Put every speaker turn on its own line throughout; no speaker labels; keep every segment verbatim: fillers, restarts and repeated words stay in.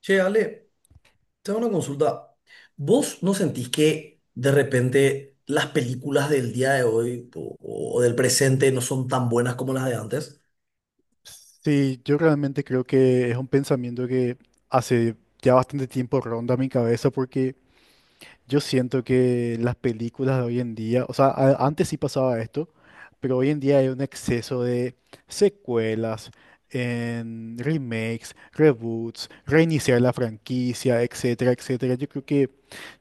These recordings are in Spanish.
Che, Ale, te hago una consulta. ¿Vos no sentís que de repente las películas del día de hoy o, o del presente no son tan buenas como las de antes?
Sí, yo realmente creo que es un pensamiento que hace ya bastante tiempo ronda mi cabeza porque yo siento que las películas de hoy en día, o sea, a- antes sí pasaba esto, pero hoy en día hay un exceso de secuelas, en remakes, reboots, reiniciar la franquicia, etcétera, etcétera. Yo creo que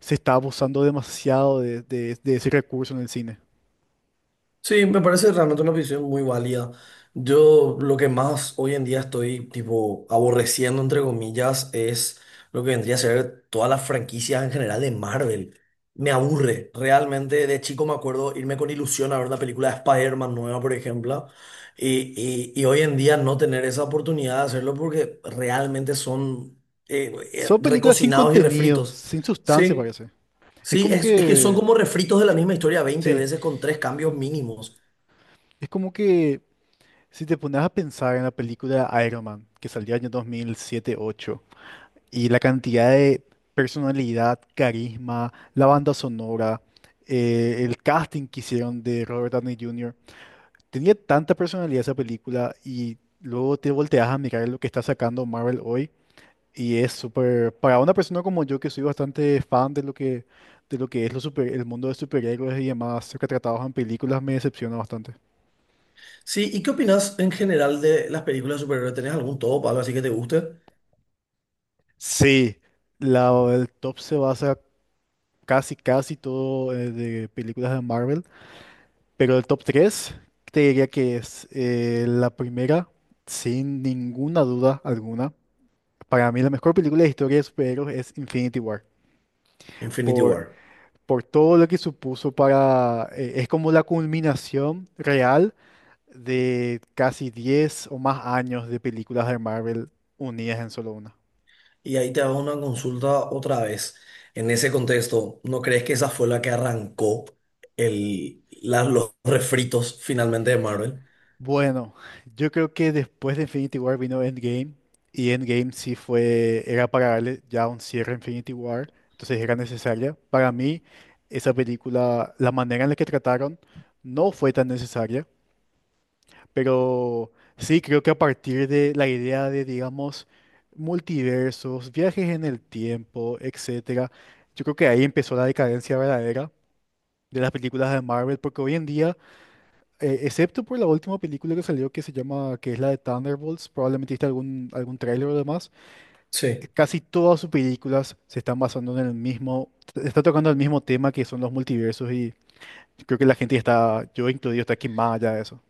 se está abusando demasiado de, de de ese recurso en el cine.
Sí, me parece realmente una visión muy válida. Yo lo que más hoy en día estoy tipo aborreciendo, entre comillas, es lo que vendría a ser todas las franquicias en general de Marvel. Me aburre. Realmente de chico me acuerdo irme con ilusión a ver la película de Spider-Man nueva, por ejemplo, y, y- y hoy en día no tener esa oportunidad de hacerlo porque realmente son eh, eh,
Son películas sin
recocinados y
contenido,
refritos.
sin sustancia,
Sí.
parece. Es
Sí,
como
es, es que son
que...
como refritos de la misma historia veinte
Sí.
veces con tres cambios mínimos.
Es como que si te pones a pensar en la película Iron Man, que salió en el dos mil siete ocho y la cantidad de personalidad, carisma, la banda sonora, eh, el casting que hicieron de Robert Downey júnior, tenía tanta personalidad esa película y luego te volteas a mirar lo que está sacando Marvel hoy y es súper, para una persona como yo que soy bastante fan de lo que, de lo que es lo super- el mundo de superhéroes y demás, lo que tratados en películas me decepciona bastante.
Sí, ¿y qué opinas en general de las películas de superhéroes? ¿Tenés algún top, algo así que te guste?
Sí, la, el top se basa casi, casi todo eh, de películas de Marvel, pero el top tres te diría que es eh, la primera, sin ninguna duda alguna. Para mí la mejor película de historia de superhéroes es Infinity War,
Infinity
por,
War.
por todo lo que supuso para... eh, es como la culminación real de casi diez o más años de películas de Marvel unidas en solo una.
Y ahí te hago una consulta otra vez. En ese contexto, ¿no crees que esa fue la que arrancó el, la- los refritos finalmente de Marvel?
Bueno, yo creo que después de Infinity War vino Endgame y Endgame sí fue, era para darle ya un cierre a Infinity War, entonces era necesaria. Para mí, esa película, la manera en la que trataron no fue tan necesaria, pero sí creo que a partir de la idea de, digamos, multiversos, viajes en el tiempo, etcétera, yo creo que ahí empezó la decadencia verdadera de las películas de Marvel, porque hoy en día eh, excepto por la última película que salió que se llama, que es la de Thunderbolts, probablemente viste algún, algún tráiler o demás, eh,
Sí.
casi todas sus películas se están basando en el mismo, está tocando el mismo tema que son los multiversos y creo que la gente está, yo incluido, está quemada ya de eso.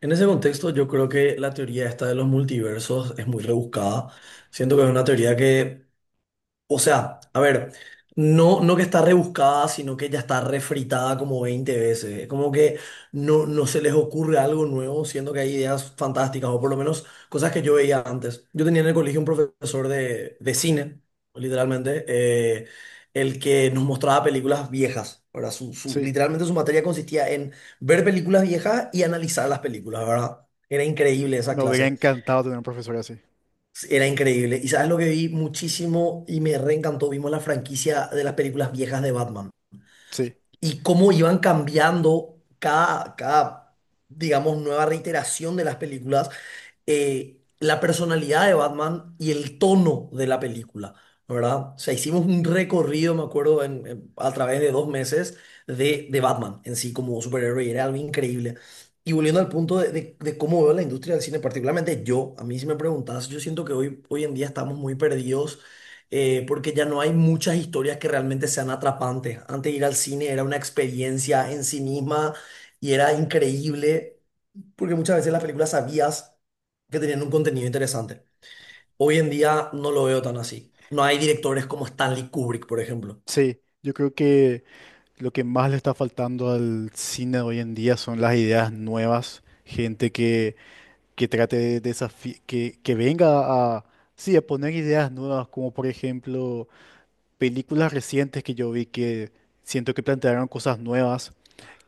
En ese contexto, yo creo que la teoría esta de los multiversos es muy rebuscada. Siento que es una teoría que. O sea, a ver, no, no que está rebuscada, sino que ya está refritada como veinte veces. Es como que no, no se les ocurre algo nuevo, siendo que hay ideas fantásticas, o por lo menos cosas que yo veía antes. Yo tenía en el colegio un profesor de, de cine, literalmente, eh, el que nos mostraba películas viejas. ¿Verdad? Su, su-
Sí,
literalmente su materia consistía en ver películas viejas y analizar las películas, ¿verdad? Era increíble esa
me hubiera
clase.
encantado tener un profesor así.
Era increíble. Y sabes lo que vi muchísimo y me reencantó. Vimos la franquicia de las películas viejas de Batman
Sí,
y cómo iban cambiando cada, cada, digamos, nueva reiteración de las películas eh, la personalidad de Batman y el tono de la película, ¿no?, ¿verdad? O sea, hicimos un recorrido, me acuerdo, en- en- a través de dos meses de- de Batman en sí como superhéroe y era algo increíble. Y volviendo al punto de, de- de cómo veo la industria del cine, particularmente yo, a mí si me preguntas, yo siento que hoy, hoy en día estamos muy perdidos eh, porque ya no hay muchas historias que realmente sean atrapantes. Antes ir al cine era una experiencia en sí misma y era increíble. Porque muchas veces las películas sabías que tenían un contenido interesante. Hoy en día no lo veo tan así. No hay directores como Stanley Kubrick, por ejemplo.
sí. Yo creo que lo que más le está faltando al cine de hoy en día son las ideas nuevas, gente que que trate de desafi- que, que venga a, sí, a poner ideas nuevas, como por ejemplo películas recientes que yo vi que siento que plantearon cosas nuevas,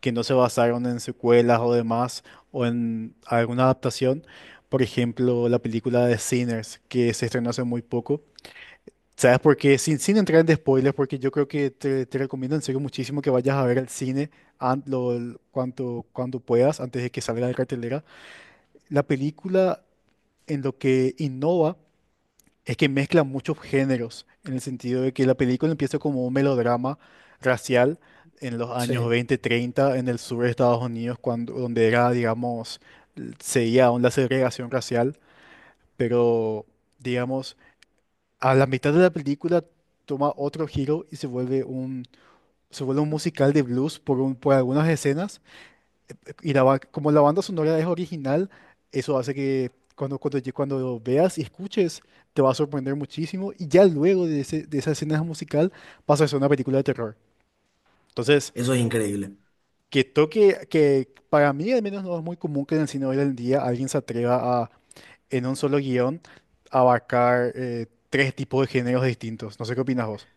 que no se basaron en secuelas o demás, o en alguna adaptación. Por ejemplo, la película de Sinners, que se estrenó hace muy poco. ¿Sabes por qué? Sin, sin entrar en spoilers, porque yo creo que te, te recomiendo en serio muchísimo que vayas a ver al cine an- lo- cuanto, cuando puedas, antes de que salga de cartelera. La película en lo que innova es que mezcla muchos géneros, en el sentido de que la película empieza como un melodrama racial en los años
Sí.
veinte, treinta en el sur de Estados Unidos, cuando, donde era, digamos, l- seguía aún la segregación racial, pero, digamos, a la mitad de la película toma otro giro y se vuelve un, se vuelve un musical de blues por, un- por algunas escenas y la, ba- como la banda sonora es original, eso hace que cuando, cuando, lle- cuando veas y escuches, te va a sorprender muchísimo. Y ya luego de, ese- de esa escena musical, pasa a ser una película de terror. Entonces,
Eso es increíble.
que toque, que para mí al menos no es muy común que en el cine hoy en día alguien se atreva a, en un solo guión, abarcar eh, tres tipos de géneros distintos. No sé qué opinas vos.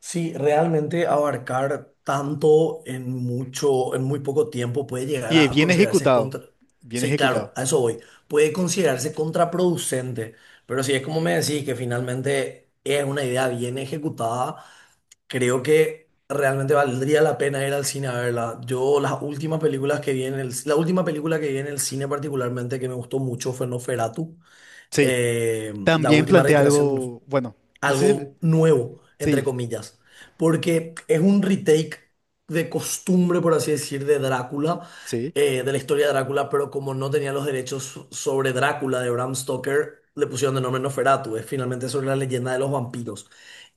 Sí, realmente abarcar tanto en mucho, en muy poco tiempo puede llegar
Y es
a
bien
considerarse
ejecutado,
contra...
bien
Sí,
ejecutado.
claro, a eso voy. Puede considerarse contraproducente, pero si es como me decís, que finalmente es una idea bien ejecutada, creo que realmente valdría la pena ir al cine a verla. Yo las últimas películas que vi en el, la última película que vi en el cine particularmente que me gustó mucho fue Noferatu.
Sí,
Eh, la
también
última
plantea
reiteración
algo, bueno, no sé si...
algo nuevo, entre
Sí,
comillas, porque es un retake de costumbre, por así decir, de Drácula,
sí,
eh, de la historia de Drácula, pero como no tenía los derechos sobre Drácula de Bram Stoker, le pusieron de nombre Nosferatu, es finalmente sobre la leyenda de los vampiros.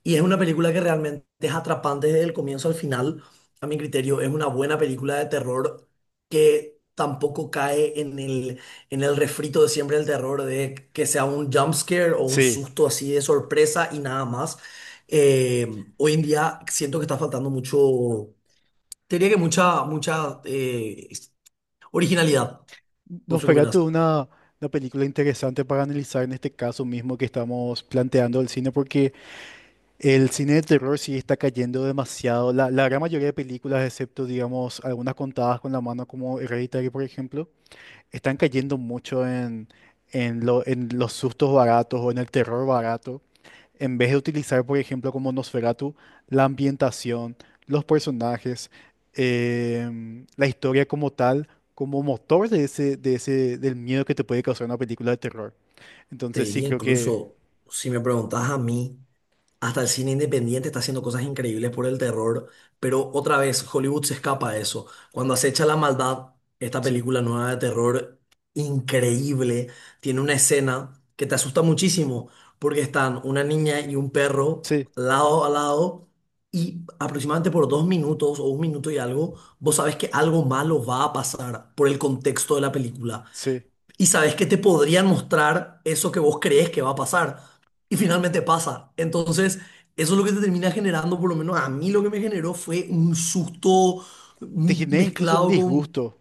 Y es una película que realmente es atrapante desde el comienzo al final, a mi criterio, es una buena película de terror que tampoco cae en el en el refrito de siempre el terror de que sea un jump scare o un
sí.
susto así de sorpresa y nada más. Eh, hoy en día siento que está faltando mucho, te diría que mucha, mucha eh, originalidad. No
Nos
sé qué
pegaste
opinas.
una, una película interesante para analizar en este caso mismo que estamos planteando el cine, porque el cine de terror sí está cayendo demasiado. La, la gran mayoría de películas, excepto, digamos, algunas contadas con la mano, como Hereditary, por ejemplo, están cayendo mucho en, en, lo- en los sustos baratos o en el terror barato. En vez de utilizar, por ejemplo, como Nosferatu, la ambientación, los personajes, em, la historia como tal, como motor de ese, de ese, del miedo que te puede causar una película de terror.
Te
Entonces sí
diría
creo que
incluso, si me preguntas a mí. Hasta el cine independiente está haciendo cosas increíbles por el terror, pero otra vez Hollywood se escapa de eso. Cuando acecha la maldad, esta
sí,
película nueva de terror, increíble, tiene una escena que te asusta muchísimo, porque están una niña y un perro
sí,
lado a lado, y aproximadamente por dos minutos o un minuto y algo, vos sabes que algo malo va a pasar por el contexto de la película
sí.
y sabes que te podrían mostrar eso que vos crees que va a pasar y finalmente pasa. Entonces, eso es lo que te termina generando, por lo menos a mí lo que me generó fue un susto,
Te
mm,
genera incluso un
mezclado con...
disgusto.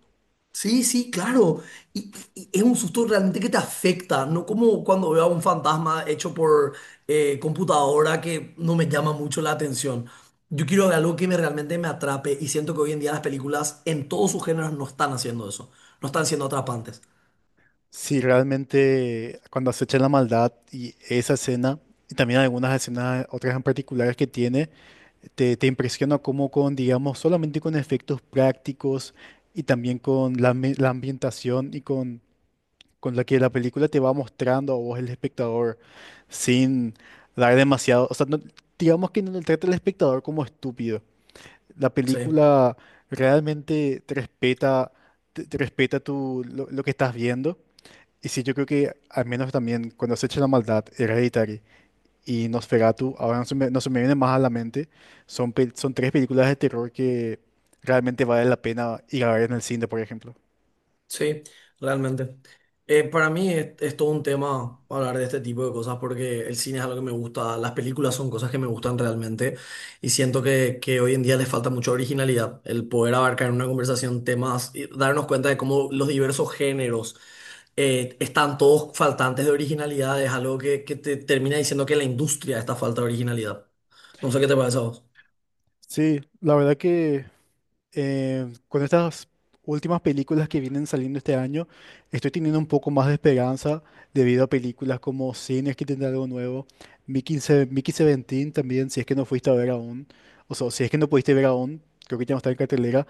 Sí, sí, claro. Y, y es un susto realmente que te afecta, no como cuando veo a un fantasma hecho por eh, computadora que no me llama mucho la atención. Yo quiero ver algo que me realmente me atrape y siento que hoy en día las películas en todos sus géneros no están haciendo eso, no están siendo atrapantes.
Sí, realmente cuando acechan la maldad y esa escena, y también algunas escenas, otras en particulares que tiene, te, te impresiona cómo con, digamos, solamente con efectos prácticos y también con la, ambi- la ambientación y con, con la que la película te va mostrando a vos el espectador sin dar demasiado, o sea, no- digamos que no le trata al espectador como estúpido. La
Sí.
película realmente te respeta, te, te respeta tu, lo lo que estás viendo y sí, yo creo que al menos también cuando se echa la maldad, Hereditary y Nosferatu, ahora no se me, no se me vienen más a la mente, son, pel- son tres películas de terror que realmente vale la pena ir a ver en el cine, por ejemplo.
Sí, realmente. Eh, para mí es, es todo un tema hablar de este tipo de cosas porque el cine es algo que me gusta, las películas son cosas que me gustan realmente y siento que, que hoy en día les falta mucha originalidad, el poder abarcar en una conversación temas y darnos cuenta de cómo los diversos géneros eh, están todos faltantes de originalidad, es algo que, que te termina diciendo que la industria está falta de originalidad. No sé qué te parece a vos.
Sí, la verdad que eh, con estas últimas películas que vienen saliendo este año, estoy teniendo un poco más de esperanza debido a películas como Cines que tendrá algo nuevo, Mickey, Se- Mickey diecisiete también, si es que no fuiste a ver aún, o sea, si es que no pudiste ver aún, creo que ya no está en cartelera.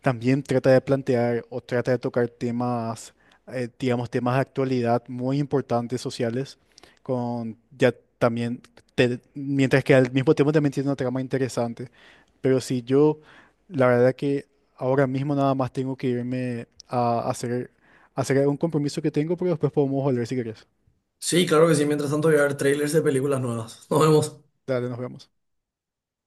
También trata de plantear o trata de tocar temas, eh, digamos, temas de actualidad muy importantes sociales, con ya también, te- mientras que al mismo tiempo también tiene una trama interesante. Pero si yo, la verdad que ahora mismo nada más tengo que irme a hacer, a hacer un compromiso que tengo, pero después podemos volver si querés.
Sí, claro que sí, mientras tanto voy a ver trailers de películas nuevas. Nos vemos.
Dale, nos vemos.